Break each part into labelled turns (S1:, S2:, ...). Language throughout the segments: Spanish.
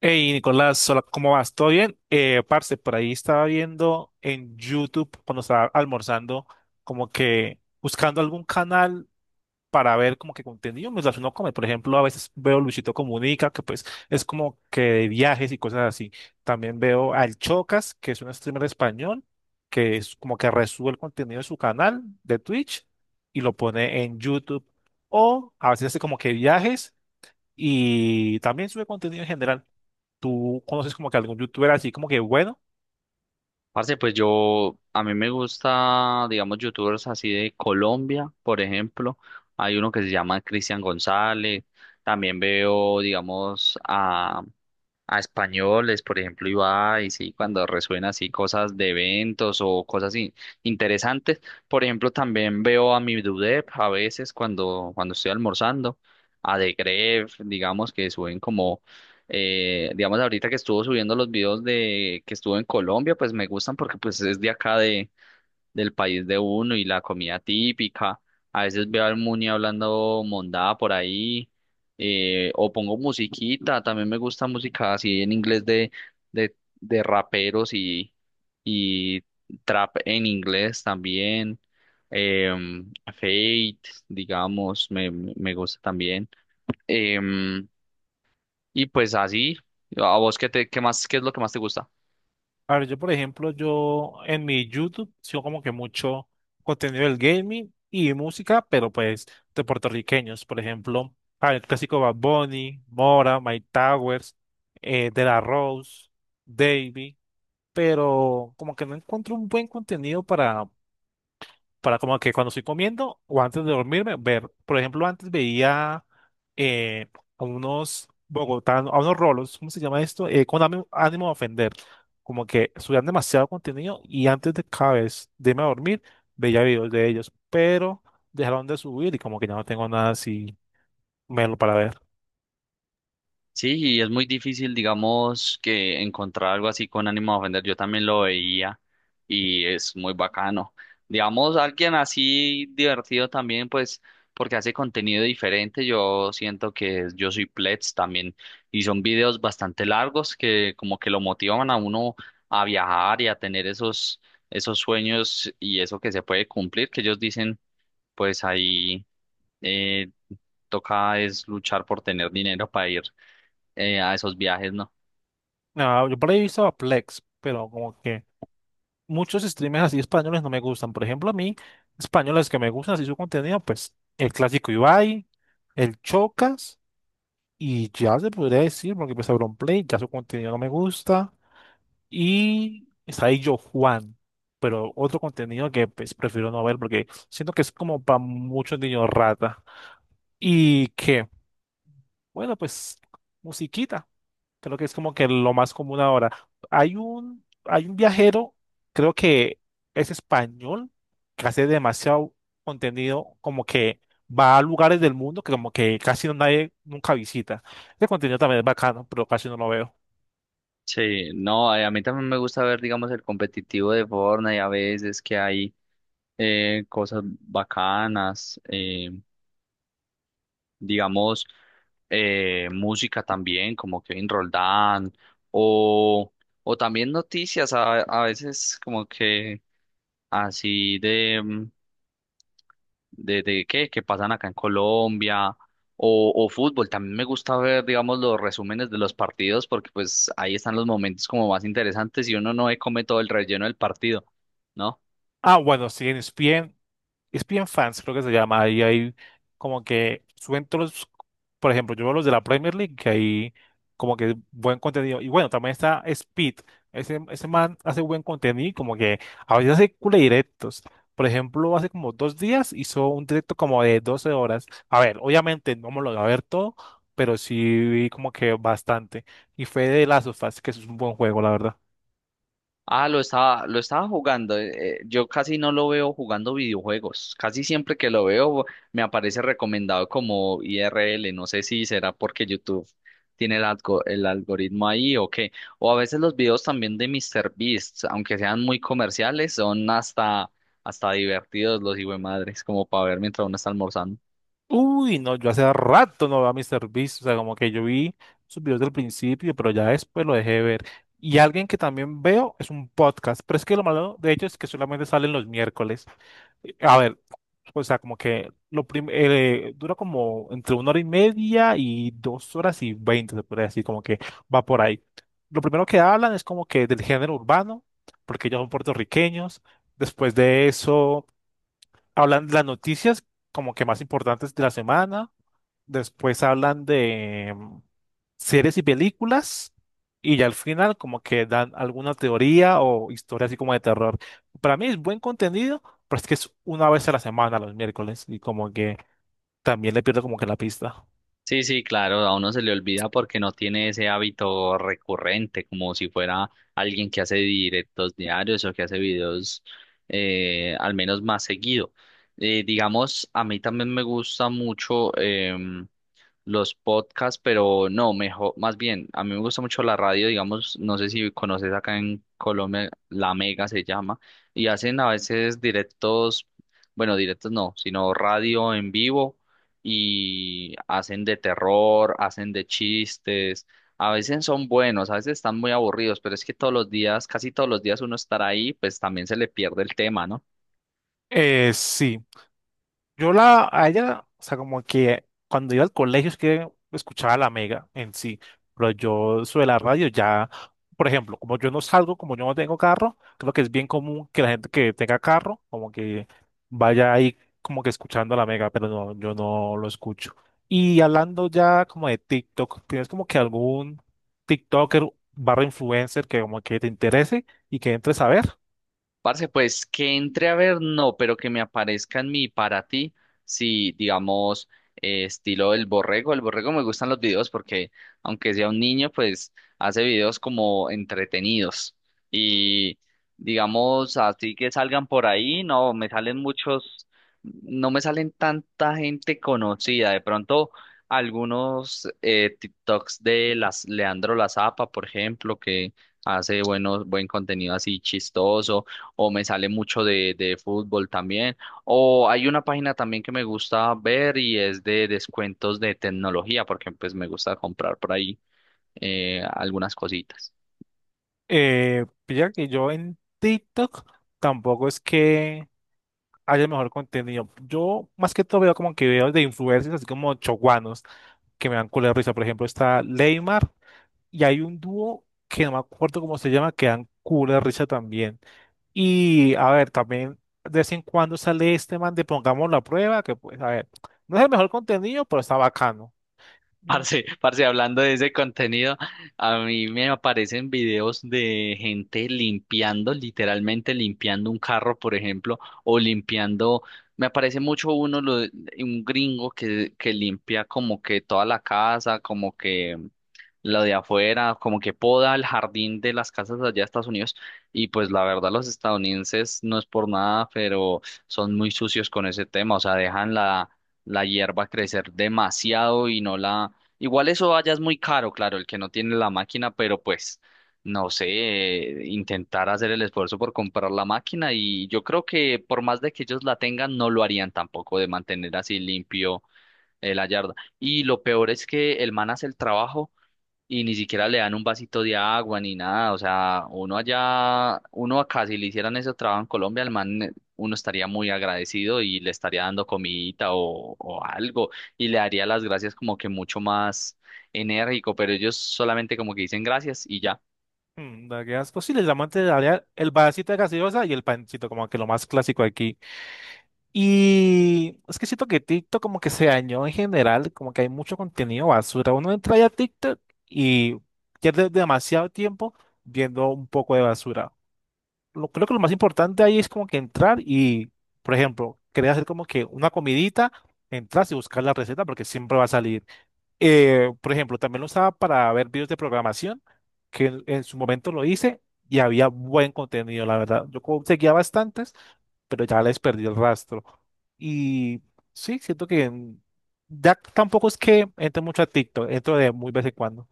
S1: Hey Nicolás, hola, ¿cómo vas? ¿Todo bien? Parce, por ahí estaba viendo en YouTube cuando estaba almorzando, como que buscando algún canal para ver como que contenido mientras uno come. Por ejemplo, a veces veo Luisito Comunica, que pues es como que de viajes y cosas así. También veo al Chocas, que es un streamer español, que es como que resube el contenido de su canal de Twitch y lo pone en YouTube. O a veces hace como que viajes y también sube contenido en general. ¿Tú conoces como que algún youtuber así como que bueno?
S2: Parce, pues a mí me gusta, digamos, youtubers así de Colombia, por ejemplo. Hay uno que se llama Cristian González. También veo, digamos, a españoles, por ejemplo, Ibai, sí, cuando resuenan así cosas de eventos o cosas interesantes. Por ejemplo, también veo a mi Dudep a veces cuando estoy almorzando, a The Gref, digamos, que suben como digamos, ahorita que estuvo subiendo los videos de que estuvo en Colombia, pues me gustan porque pues es de del país de uno y la comida típica. A veces veo al Muni hablando mondada por ahí, o pongo musiquita, también me gusta música así en inglés de, de raperos y trap en inglés también. Eh, Fate, digamos, me gusta también. Em, y pues así, ¿a vos qué es lo que más te gusta?
S1: A ver, yo por ejemplo, yo en mi YouTube sigo como que mucho contenido del gaming y música, pero pues de puertorriqueños, por ejemplo, ah, el clásico Bad Bunny, Mora, Mike Towers, De La Rose, Davey, pero como que no encuentro un buen contenido para como que cuando estoy comiendo o antes de dormirme, ver, por ejemplo, antes veía eh, a unos bogotanos, a unos rolos, ¿cómo se llama esto? Con ánimo, ánimo de ofender, como que subían demasiado contenido y antes de cada vez de irme a dormir veía videos de ellos, pero dejaron de subir y como que ya no tengo nada así melo para ver.
S2: Sí, y es muy difícil, digamos, que encontrar algo así con ánimo de ofender. Yo también lo veía y es muy bacano. Digamos, alguien así divertido también, pues, porque hace contenido diferente. Yo siento que yo soy Plets también y son videos bastante largos que como que lo motivan a uno a viajar y a tener esos sueños y eso que se puede cumplir, que ellos dicen, pues ahí. eh, toca es luchar por tener dinero para ir a esos viajes, ¿no?
S1: Nada, yo por ahí he visto a Plex, pero como que muchos streamers así españoles no me gustan. Por ejemplo, a mí, españoles que me gustan así su contenido, pues el clásico Ibai, el Chocas, y ya se podría decir, porque pues Play ya su contenido no me gusta. Y está ahí Yo Juan, pero otro contenido que pues prefiero no ver porque siento que es como para muchos niños rata. Y que, bueno, pues musiquita. Creo que es como que lo más común ahora. Hay un viajero, creo que es español, que hace demasiado contenido, como que va a lugares del mundo que como que casi no, nadie nunca visita. Ese contenido también es bacano, pero casi no lo veo.
S2: Sí, no, a mí también me gusta ver, digamos, el competitivo de Fortnite, a veces que hay cosas bacanas, digamos, música también, como Kevin Roldán, o, o también noticias, a veces como que así de qué, que pasan acá en Colombia o fútbol. También me gusta ver, digamos, los resúmenes de los partidos porque pues ahí están los momentos como más interesantes y uno no se come todo el relleno del partido, ¿no?
S1: Ah, bueno, sí, en ESPN ESPN Fans, creo que se llama. Ahí hay como que suben todos los, por ejemplo, yo veo los de la Premier League, que hay como que buen contenido. Y bueno, también está Speed. Ese man hace buen contenido, y como que a veces hace cule directos. Por ejemplo, hace como 2 días hizo un directo como de 12 horas. A ver, obviamente no me lo voy a ver todo, pero sí vi como que bastante. Y fue de Last of Us, que es un buen juego, la verdad.
S2: Ah, lo estaba jugando. Yo casi no lo veo jugando videojuegos. Casi siempre que lo veo me aparece recomendado como IRL. No sé si será porque YouTube tiene el algoritmo ahí o qué. O a veces los videos también de MrBeast, aunque sean muy comerciales, son hasta divertidos los madres, como para ver mientras uno está almorzando.
S1: Uy, no, yo hace rato no veo a Mr. Beast, o sea, como que yo vi sus videos del principio, pero ya después lo dejé de ver. Y alguien que también veo es un podcast, pero es que lo malo de hecho es que solamente salen los miércoles. A ver, o sea, como que dura como entre una hora y media y 2 horas y veinte, se podría decir, como que va por ahí. Lo primero que hablan es como que del género urbano, porque ellos son puertorriqueños. Después de eso, hablan de las noticias como que más importantes de la semana. Después hablan de series y películas. Y ya al final como que dan alguna teoría o historia así como de terror. Para mí es buen contenido, pero es que es una vez a la semana, los miércoles. Y como que también le pierdo como que la pista.
S2: Sí, sí, claro, a uno se le olvida porque no tiene ese hábito recurrente, como si fuera alguien que hace directos diarios o que hace videos al menos más seguido. Digamos, a mí también me gusta mucho, los podcasts, pero no, mejor, más bien, a mí me gusta mucho la radio, digamos, no sé si conoces acá en Colombia, La Mega se llama, y hacen a veces directos, bueno, directos no, sino radio en vivo y hacen de terror, hacen de chistes, a veces son buenos, a veces están muy aburridos, pero es que todos los días, casi todos los días uno estar ahí, pues también se le pierde el tema, ¿no?
S1: Sí, a ella, o sea, como que cuando iba al colegio es que escuchaba la mega en sí, pero yo sobre la radio ya, por ejemplo, como yo no salgo, como yo no tengo carro, creo que es bien común que la gente que tenga carro, como que vaya ahí como que escuchando la mega, pero no, yo no lo escucho. Y hablando ya como de TikTok, ¿tienes como que algún TikToker barra influencer que como que te interese y que entres a ver?
S2: Parce, pues que entre a ver, no, pero que me aparezca en mi para ti, si digamos, estilo el borrego. El borrego me gustan los videos porque, aunque sea un niño, pues hace videos como entretenidos. Y digamos, así que salgan por ahí, no, me salen muchos, no me salen tanta gente conocida. De pronto, algunos TikToks de las Leandro La Zapa, por ejemplo, que hace buen contenido así chistoso o me sale mucho de fútbol también. O hay una página también que me gusta ver y es de descuentos de tecnología, porque pues me gusta comprar por ahí algunas cositas.
S1: Pilla que yo en TikTok tampoco es que haya mejor contenido. Yo más que todo veo como que veo de influencers, así como choguanos, que me dan culo de risa. Por ejemplo, está Leymar y hay un dúo que no me acuerdo cómo se llama, que dan culo de risa también. Y a ver, también de vez en cuando sale este man de Pongamos la prueba, que pues, a ver, no es el mejor contenido, pero está bacano. Mm,
S2: Parce, hablando de ese contenido, a mí me aparecen videos de gente limpiando, literalmente limpiando un carro, por ejemplo, o limpiando, me aparece mucho uno, un gringo que limpia como que toda la casa, como que lo de afuera, como que poda el jardín de las casas allá de Estados Unidos. Y pues la verdad, los estadounidenses no es por nada, pero son muy sucios con ese tema. O sea, la hierba crecer demasiado y no la. Igual eso allá es muy caro, claro, el que no tiene la máquina, pero pues, no sé, intentar hacer el esfuerzo por comprar la máquina. Y yo creo que por más de que ellos la tengan, no lo harían tampoco de mantener así limpio. La yarda. Y lo peor es que el man hace el trabajo y ni siquiera le dan un vasito de agua ni nada. O sea, uno allá, uno acá, si le hicieran ese trabajo en Colombia, al man, uno estaría muy agradecido y le estaría dando comidita o algo y le daría las gracias como que mucho más enérgico, pero ellos solamente como que dicen gracias y ya.
S1: mm, la que es posible, el amante de la el vasito de gaseosa y el pancito, como que lo más clásico aquí. Y es que siento que TikTok como que se dañó en general, como que hay mucho contenido basura. Uno entra ya a TikTok y pierde demasiado tiempo viendo un poco de basura. Lo, creo que lo más importante ahí es como que entrar y, por ejemplo, querer hacer como que una comidita, entras y buscar la receta porque siempre va a salir. Por ejemplo, también lo usaba para ver videos de programación, que en su momento lo hice y había buen contenido, la verdad. Yo como seguía bastantes pero ya les perdí el rastro. Y sí, siento que ya tampoco es que entre mucho a TikTok, entro de muy vez en cuando.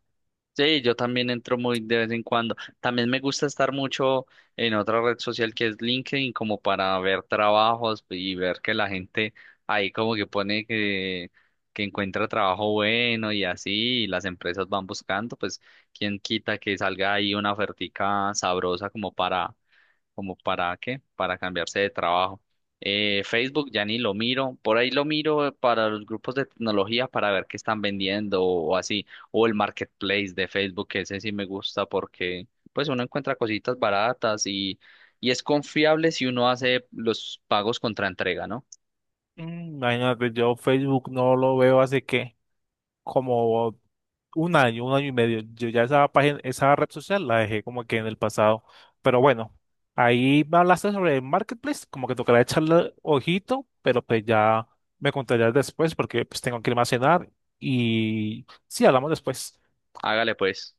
S2: Sí, yo también entro muy de vez en cuando. También me gusta estar mucho en otra red social que es LinkedIn, como para ver trabajos y ver que la gente ahí como que pone que encuentra trabajo bueno y así, y las empresas van buscando, pues quién quita que salga ahí una ofertica sabrosa como para para cambiarse de trabajo. Facebook ya ni lo miro, por ahí lo miro para los grupos de tecnología para ver qué están vendiendo o así, o el marketplace de Facebook, que ese sí me gusta porque pues uno encuentra cositas baratas y es confiable si uno hace los pagos contra entrega, ¿no?
S1: Mm, imagínate, yo Facebook no lo veo hace que como un año y medio. Yo ya esa página, esa red social la dejé como que en el pasado. Pero bueno, ahí me hablaste sobre el Marketplace, como que tocará echarle ojito, pero pues ya me contarías después porque pues tengo que irme a cenar y sí, hablamos después.
S2: Hágale pues.